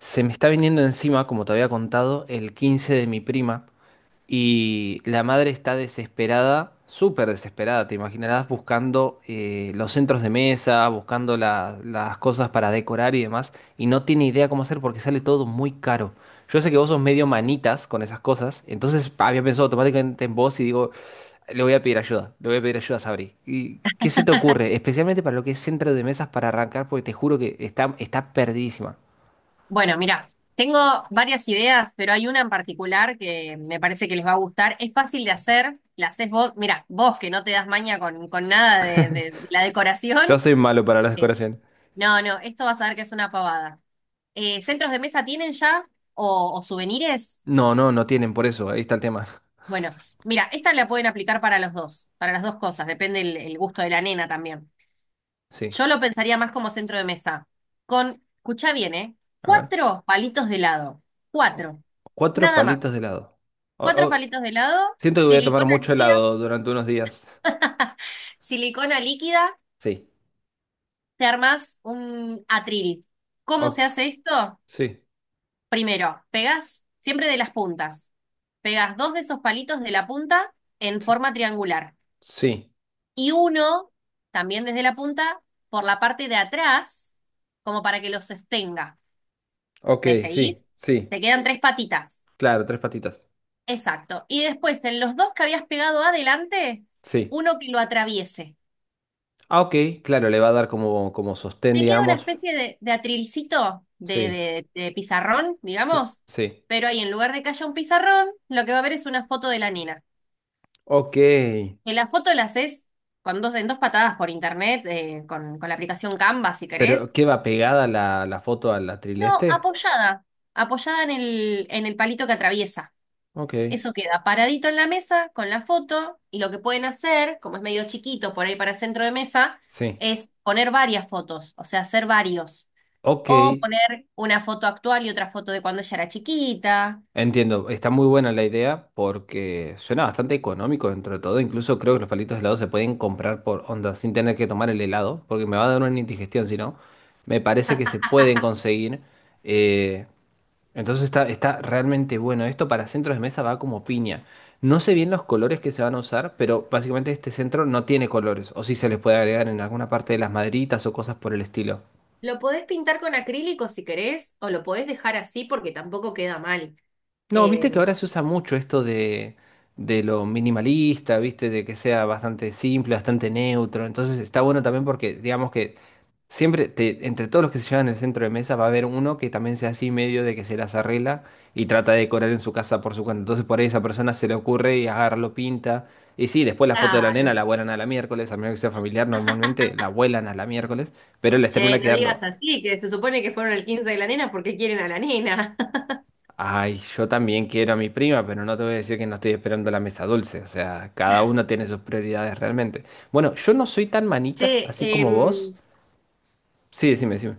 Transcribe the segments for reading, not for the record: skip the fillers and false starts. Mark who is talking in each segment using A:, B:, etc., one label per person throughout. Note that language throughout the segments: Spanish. A: Se me está viniendo encima, como te había contado, el 15 de mi prima y la madre está desesperada, súper desesperada, te imaginarás, buscando los centros de mesa, buscando las cosas para decorar y demás, y no tiene idea cómo hacer porque sale todo muy caro. Yo sé que vos sos medio manitas con esas cosas, entonces había pensado automáticamente en vos y digo, le voy a pedir ayuda, le voy a pedir ayuda a Sabri. ¿Y qué se te ocurre? Especialmente para lo que es centro de mesas para arrancar, porque te juro que está perdidísima.
B: Bueno, mira, tengo varias ideas, pero hay una en particular que me parece que les va a gustar. Es fácil de hacer, la haces vos. Mira, vos que no te das maña con nada de la decoración.
A: Yo soy malo para las
B: eh,
A: decoraciones.
B: No, no, esto vas a ver que es una pavada. ¿Centros de mesa tienen ya o souvenirs?
A: No, no, no tienen por eso. Ahí está el tema.
B: Bueno, mira, esta la pueden aplicar para los dos, para las dos cosas, depende el gusto de la nena también.
A: Sí.
B: Yo lo pensaría más como centro de mesa, con, escucha bien, ¿eh?
A: A ver.
B: Cuatro palitos de helado,
A: O-
B: cuatro,
A: Cuatro
B: nada
A: palitos de
B: más.
A: helado. O-
B: Cuatro
A: o-
B: palitos de helado,
A: siento que voy a tomar
B: silicona
A: mucho
B: líquida,
A: helado durante unos días.
B: silicona líquida,
A: Sí.
B: te armás un atril. ¿Cómo se
A: O-
B: hace esto?
A: sí.
B: Primero, pegás siempre de las puntas. Pegás dos de esos palitos de la punta en
A: Sí.
B: forma triangular
A: Sí.
B: y uno también desde la punta por la parte de atrás, como para que los sostenga.
A: Ok,
B: ¿Me seguís?
A: sí. Sí.
B: Te quedan tres patitas.
A: Claro, tres patitas.
B: Exacto. Y después, en los dos que habías pegado adelante,
A: Sí.
B: uno que lo atraviese.
A: Ah, ok. Claro, le va a dar como, como sostén,
B: Te queda una
A: digamos.
B: especie de atrilcito
A: Sí.
B: de pizarrón,
A: Sí.
B: digamos,
A: Sí.
B: pero ahí en lugar de que haya un pizarrón, lo que va a haber es una foto de la nena.
A: Ok.
B: Que la foto la haces con dos, en dos patadas por internet, con la aplicación Canva, si
A: Pero,
B: querés.
A: ¿qué va pegada la foto a la
B: No,
A: trileste?
B: apoyada, apoyada en el palito que atraviesa.
A: Ok.
B: Eso queda paradito en la mesa con la foto y lo que pueden hacer, como es medio chiquito por ahí para centro de mesa,
A: Sí.
B: es poner varias fotos, o sea, hacer varios.
A: Ok.
B: O poner una foto actual y otra foto de cuando ella era chiquita.
A: Entiendo, está muy buena la idea porque suena bastante económico dentro de todo. Incluso creo que los palitos de helado se pueden comprar por onda sin tener que tomar el helado, porque me va a dar una indigestión si no. Me parece que se pueden conseguir. eh, entonces está realmente bueno. Esto para centros de mesa va como piña. No sé bien los colores que se van a usar, pero básicamente este centro no tiene colores. O si se les puede agregar en alguna parte de las maderitas o cosas por el estilo.
B: Lo podés pintar con acrílico si querés, o lo podés dejar así porque tampoco queda mal.
A: No, viste
B: Eh,
A: que ahora se usa mucho de lo minimalista, viste, de que sea bastante simple, bastante neutro. Entonces está bueno también porque, digamos que siempre, entre todos los que se llevan el centro de mesa, va a haber uno que también sea así medio de que se las arregla y trata de decorar en su casa por su cuenta. Entonces por ahí esa persona se le ocurre y agarra, lo pinta. Y sí, después la foto de la nena
B: claro.
A: la vuelan a la miércoles, a menos que sea familiar, normalmente la vuelan a la miércoles, pero les
B: Che,
A: termina
B: no
A: quedando.
B: digas así, que se supone que fueron el 15 de la nena porque quieren a la nena.
A: Ay, yo también quiero a mi prima, pero no te voy a decir que no estoy esperando la mesa dulce. O sea, cada uno tiene sus prioridades realmente. Bueno, yo no soy tan manitas
B: Che,
A: así como vos. Sí, decime, decime.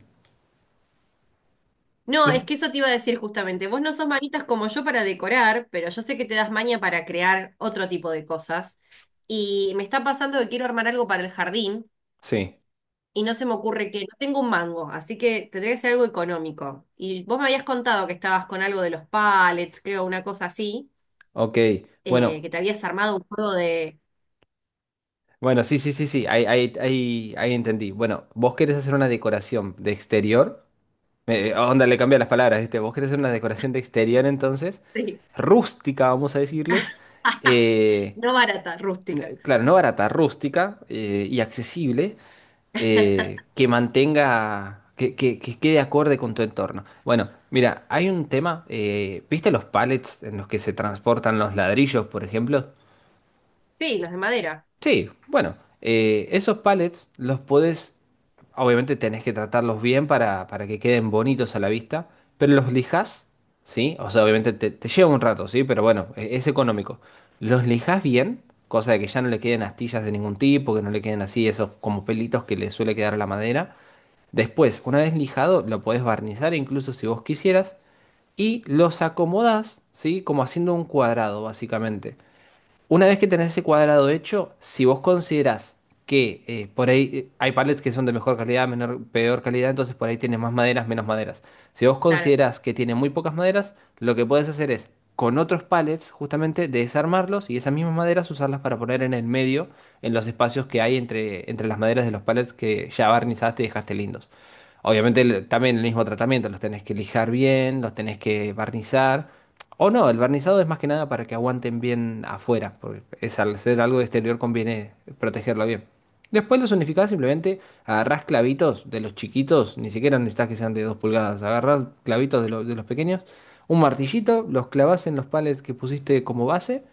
B: no, es
A: Dec-
B: que eso te iba a decir justamente. Vos no sos manitas como yo para decorar, pero yo sé que te das maña para crear otro tipo de cosas. Y me está pasando que quiero armar algo para el jardín.
A: Sí,
B: Y no se me ocurre que no tengo un mango, así que tendría que ser algo económico. Y vos me habías contado que estabas con algo de los pallets, creo, una cosa así,
A: ok. Bueno,
B: que te habías armado un juego de...
A: bueno, sí, sí, sí, sí. Ahí entendí. Bueno, vos querés hacer una decoración de exterior. Onda, le cambié las palabras, ¿viste? Vos querés hacer una decoración de exterior entonces.
B: Sí.
A: Rústica, vamos a decirle. Eh,
B: No barata, rústica.
A: claro, no barata, rústica y accesible, que mantenga, que quede acorde con tu entorno. Bueno, mira, hay un tema, ¿viste los pallets en los que se transportan los ladrillos, por ejemplo?
B: Sí, los de madera,
A: Sí, bueno, esos pallets los podés, obviamente tenés que tratarlos bien para que queden bonitos a la vista, pero los lijás, ¿sí? O sea, obviamente te lleva un rato, ¿sí? Pero bueno, es, económico. Los lijás bien, cosa de que ya no le queden astillas de ningún tipo, que no le queden así esos como pelitos que le suele quedar a la madera. Después, una vez lijado, lo podés barnizar incluso si vos quisieras y los acomodás, ¿sí? Como haciendo un cuadrado, básicamente. Una vez que tenés ese cuadrado hecho, si vos considerás que por ahí hay pallets que son de mejor calidad, menor, peor calidad, entonces por ahí tienes más maderas, menos maderas. Si vos
B: claro.
A: considerás que tiene muy pocas maderas, lo que puedes hacer es con otros pallets justamente desarmarlos y esas mismas maderas usarlas para poner en el medio, en los espacios que hay entre, entre las maderas de los pallets que ya barnizaste y dejaste lindos. Obviamente también el mismo tratamiento, los tenés que lijar bien, los tenés que barnizar. O no, el barnizado es más que nada para que aguanten bien afuera, porque es al ser algo de exterior conviene protegerlo bien. Después los unificás, simplemente agarrás clavitos de los chiquitos, ni siquiera necesitas que sean de 2 pulgadas, agarrás clavitos de, de los pequeños, un martillito, los clavás en los palets que pusiste como base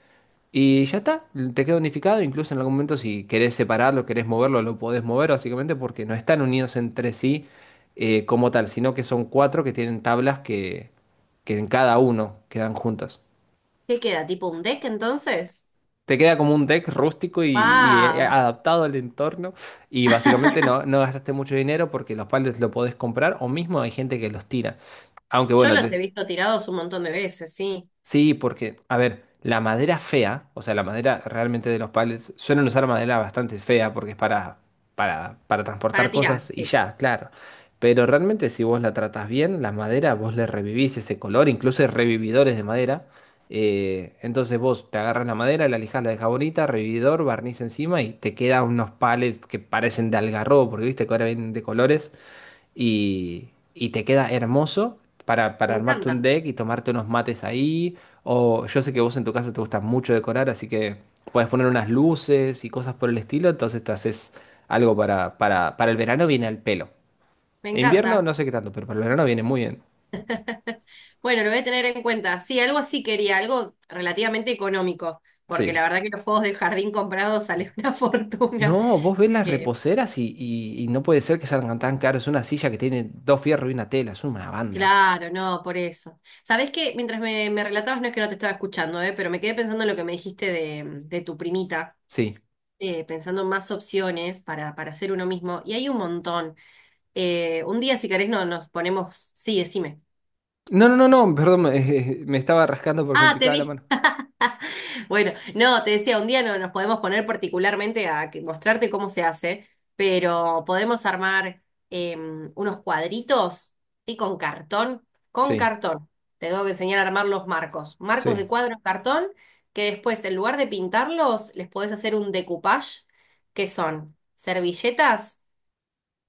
A: y ya está, te queda unificado, incluso en algún momento si querés separarlo, querés moverlo, lo podés mover básicamente porque no están unidos entre sí como tal, sino que son cuatro que tienen tablas que en cada uno quedan juntas.
B: ¿Qué queda? ¿Tipo un deck entonces?
A: Te queda como un deck rústico y
B: ¡Wow!
A: adaptado al entorno y básicamente no, no gastaste mucho dinero porque los palets lo podés comprar o mismo hay gente que los tira. Aunque
B: Yo
A: bueno,
B: los he
A: te-.
B: visto tirados un montón de veces, sí.
A: Sí, porque, a ver, la madera fea, o sea, la madera realmente de los palets, suelen usar madera bastante fea porque es para transportar
B: Para tirar,
A: cosas y
B: sí.
A: ya, claro. Pero realmente si vos la tratás bien, la madera, vos le revivís ese color, incluso hay revividores de madera. Entonces vos te agarras la madera, la lijás, la dejás bonita, revividor, barniz encima y te quedan unos palets que parecen de algarrobo, porque viste que ahora vienen de colores y te queda hermoso para,
B: Me
A: armarte un
B: encanta,
A: deck y tomarte unos mates ahí. O yo sé que vos en tu casa te gusta mucho decorar, así que puedes poner unas luces y cosas por el estilo, entonces te haces algo para el verano viene al pelo.
B: me
A: En invierno
B: encanta.
A: no sé qué tanto, pero para el verano viene muy bien.
B: Bueno, lo voy a tener en cuenta. Sí, algo así quería, algo relativamente económico, porque
A: Sí.
B: la verdad que los juegos de jardín comprados salen una fortuna.
A: No, vos ves las
B: Eh,
A: reposeras y no puede ser que salgan tan caros. Una silla que tiene dos fierros y una tela, es una banda.
B: claro, no, por eso. Sabés que mientras me relatabas, no es que no te estaba escuchando, pero me quedé pensando en lo que me dijiste de tu primita,
A: Sí.
B: pensando en más opciones para hacer uno mismo, y hay un montón. Un día, si querés, no, nos ponemos. Sí, decime.
A: No, no, no, no, perdón, me estaba rascando porque me
B: Ah, te
A: picaba la
B: vi.
A: mano.
B: Bueno, no, te decía, un día no nos podemos poner particularmente a que- mostrarte cómo se hace, pero podemos armar eh, unos cuadritos y con cartón, con
A: Sí,
B: cartón. Te tengo que enseñar a armar los marcos, marcos de
A: sí.
B: cuadro en cartón, que después en lugar de pintarlos, les podés hacer un decoupage, que son servilletas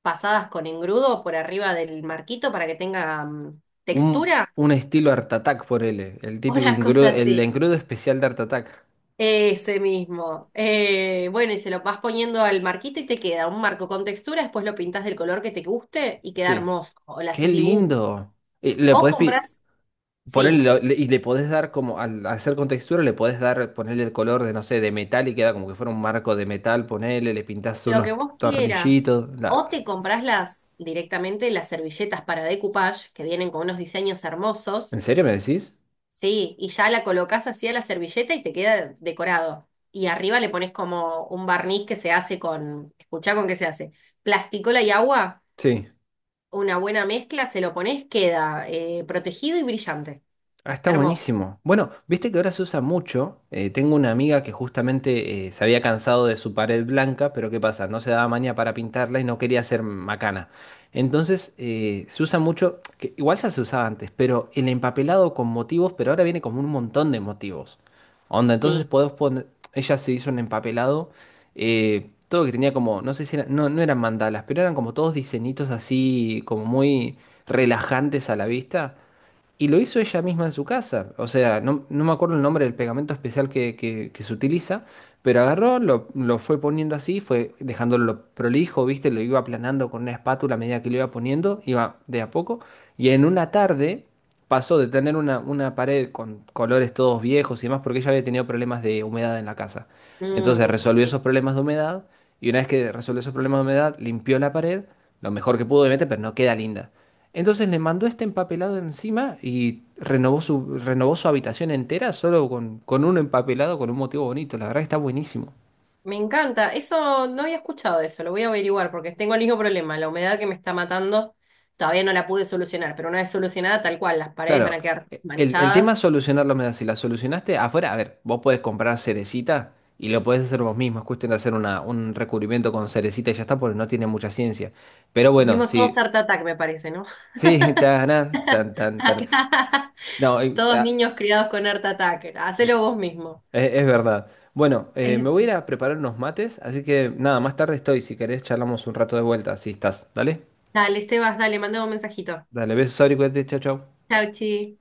B: pasadas con engrudo por arriba del marquito para que tenga textura,
A: Un estilo Art Attack, por él, el típico
B: una
A: engrudo,
B: cosa
A: el
B: así.
A: engrudo especial de Art Attack.
B: Ese mismo. Bueno, y se lo vas poniendo al marquito y te queda un marco con textura, después lo pintas del color que te guste y queda
A: Sí.
B: hermoso. O le
A: ¡Qué
B: haces dibujo.
A: lindo! Y le
B: O
A: podés
B: compras,
A: ponerle,
B: sí,
A: y le podés dar como, al hacer con textura, le podés dar, ponerle el color de, no sé, de metal y queda como que fuera un marco de metal, ponele, le pintás
B: lo que
A: unos
B: vos quieras.
A: tornillitos. la-.
B: O te compras las directamente las servilletas para decoupage, que vienen con unos diseños
A: ¿En
B: hermosos,
A: serio me decís?
B: sí, y ya la colocas así a la servilleta y te queda decorado. Y arriba le pones como un barniz que se hace con, escuchá con qué se hace, plasticola y agua.
A: Sí.
B: Una buena mezcla, se lo pones, queda protegido y brillante.
A: Ah, está
B: Hermoso.
A: buenísimo. Bueno, viste que ahora se usa mucho. Tengo una amiga que justamente se había cansado de su pared blanca, pero ¿qué pasa? No se daba maña para pintarla y no quería hacer macana. Entonces se usa mucho, que igual ya se usaba antes, pero el empapelado con motivos, pero ahora viene como un montón de motivos. Onda, entonces
B: Sí.
A: podés poner, ella se hizo un empapelado, todo que tenía como, no sé no, no eran mandalas, pero eran como todos diseñitos así, como muy relajantes a la vista. Y lo hizo ella misma en su casa. O sea, no, no me acuerdo el nombre del pegamento especial que se utiliza, pero agarró, lo fue poniendo así, fue dejándolo prolijo, ¿viste? Lo iba aplanando con una espátula a medida que lo iba poniendo, iba de a poco. Y en una tarde pasó de tener una pared con colores todos viejos y demás, porque ella había tenido problemas de humedad en la casa. Entonces
B: Mm,
A: resolvió esos
B: sí.
A: problemas de humedad y una vez que resolvió esos problemas de humedad, limpió la pared, lo mejor que pudo obviamente, pero no queda linda. Entonces le mandó este empapelado encima y renovó renovó su habitación entera solo con un empapelado, con un motivo bonito. La verdad que está buenísimo.
B: Me encanta. Eso no había escuchado eso, lo voy a averiguar porque tengo el mismo problema. La humedad que me está matando todavía no la pude solucionar, pero una vez solucionada, tal cual, las paredes van
A: Claro,
B: a quedar
A: el
B: manchadas.
A: tema es solucionar la humedad. Si la solucionaste afuera, a ver, vos podés comprar cerecita y lo podés hacer vos mismo. Es cuestión de hacer un recubrimiento con cerecita y ya está, porque no tiene mucha ciencia. Pero bueno,
B: Dimos todos
A: si...
B: Art Attack, me parece, ¿no?
A: Sí, tan, tan, tan, tan.
B: Acá,
A: No,
B: todos niños criados con Art Attack. Hacelo vos mismo.
A: es, verdad. Bueno, me voy a ir
B: Este.
A: a preparar unos mates, así que nada, más tarde estoy. Si querés, charlamos un rato de vuelta. Si estás, dale.
B: Dale, Sebas, dale, mandame un mensajito.
A: Dale, besos, Ari, cuídate, chau, chau.
B: Chau, chi.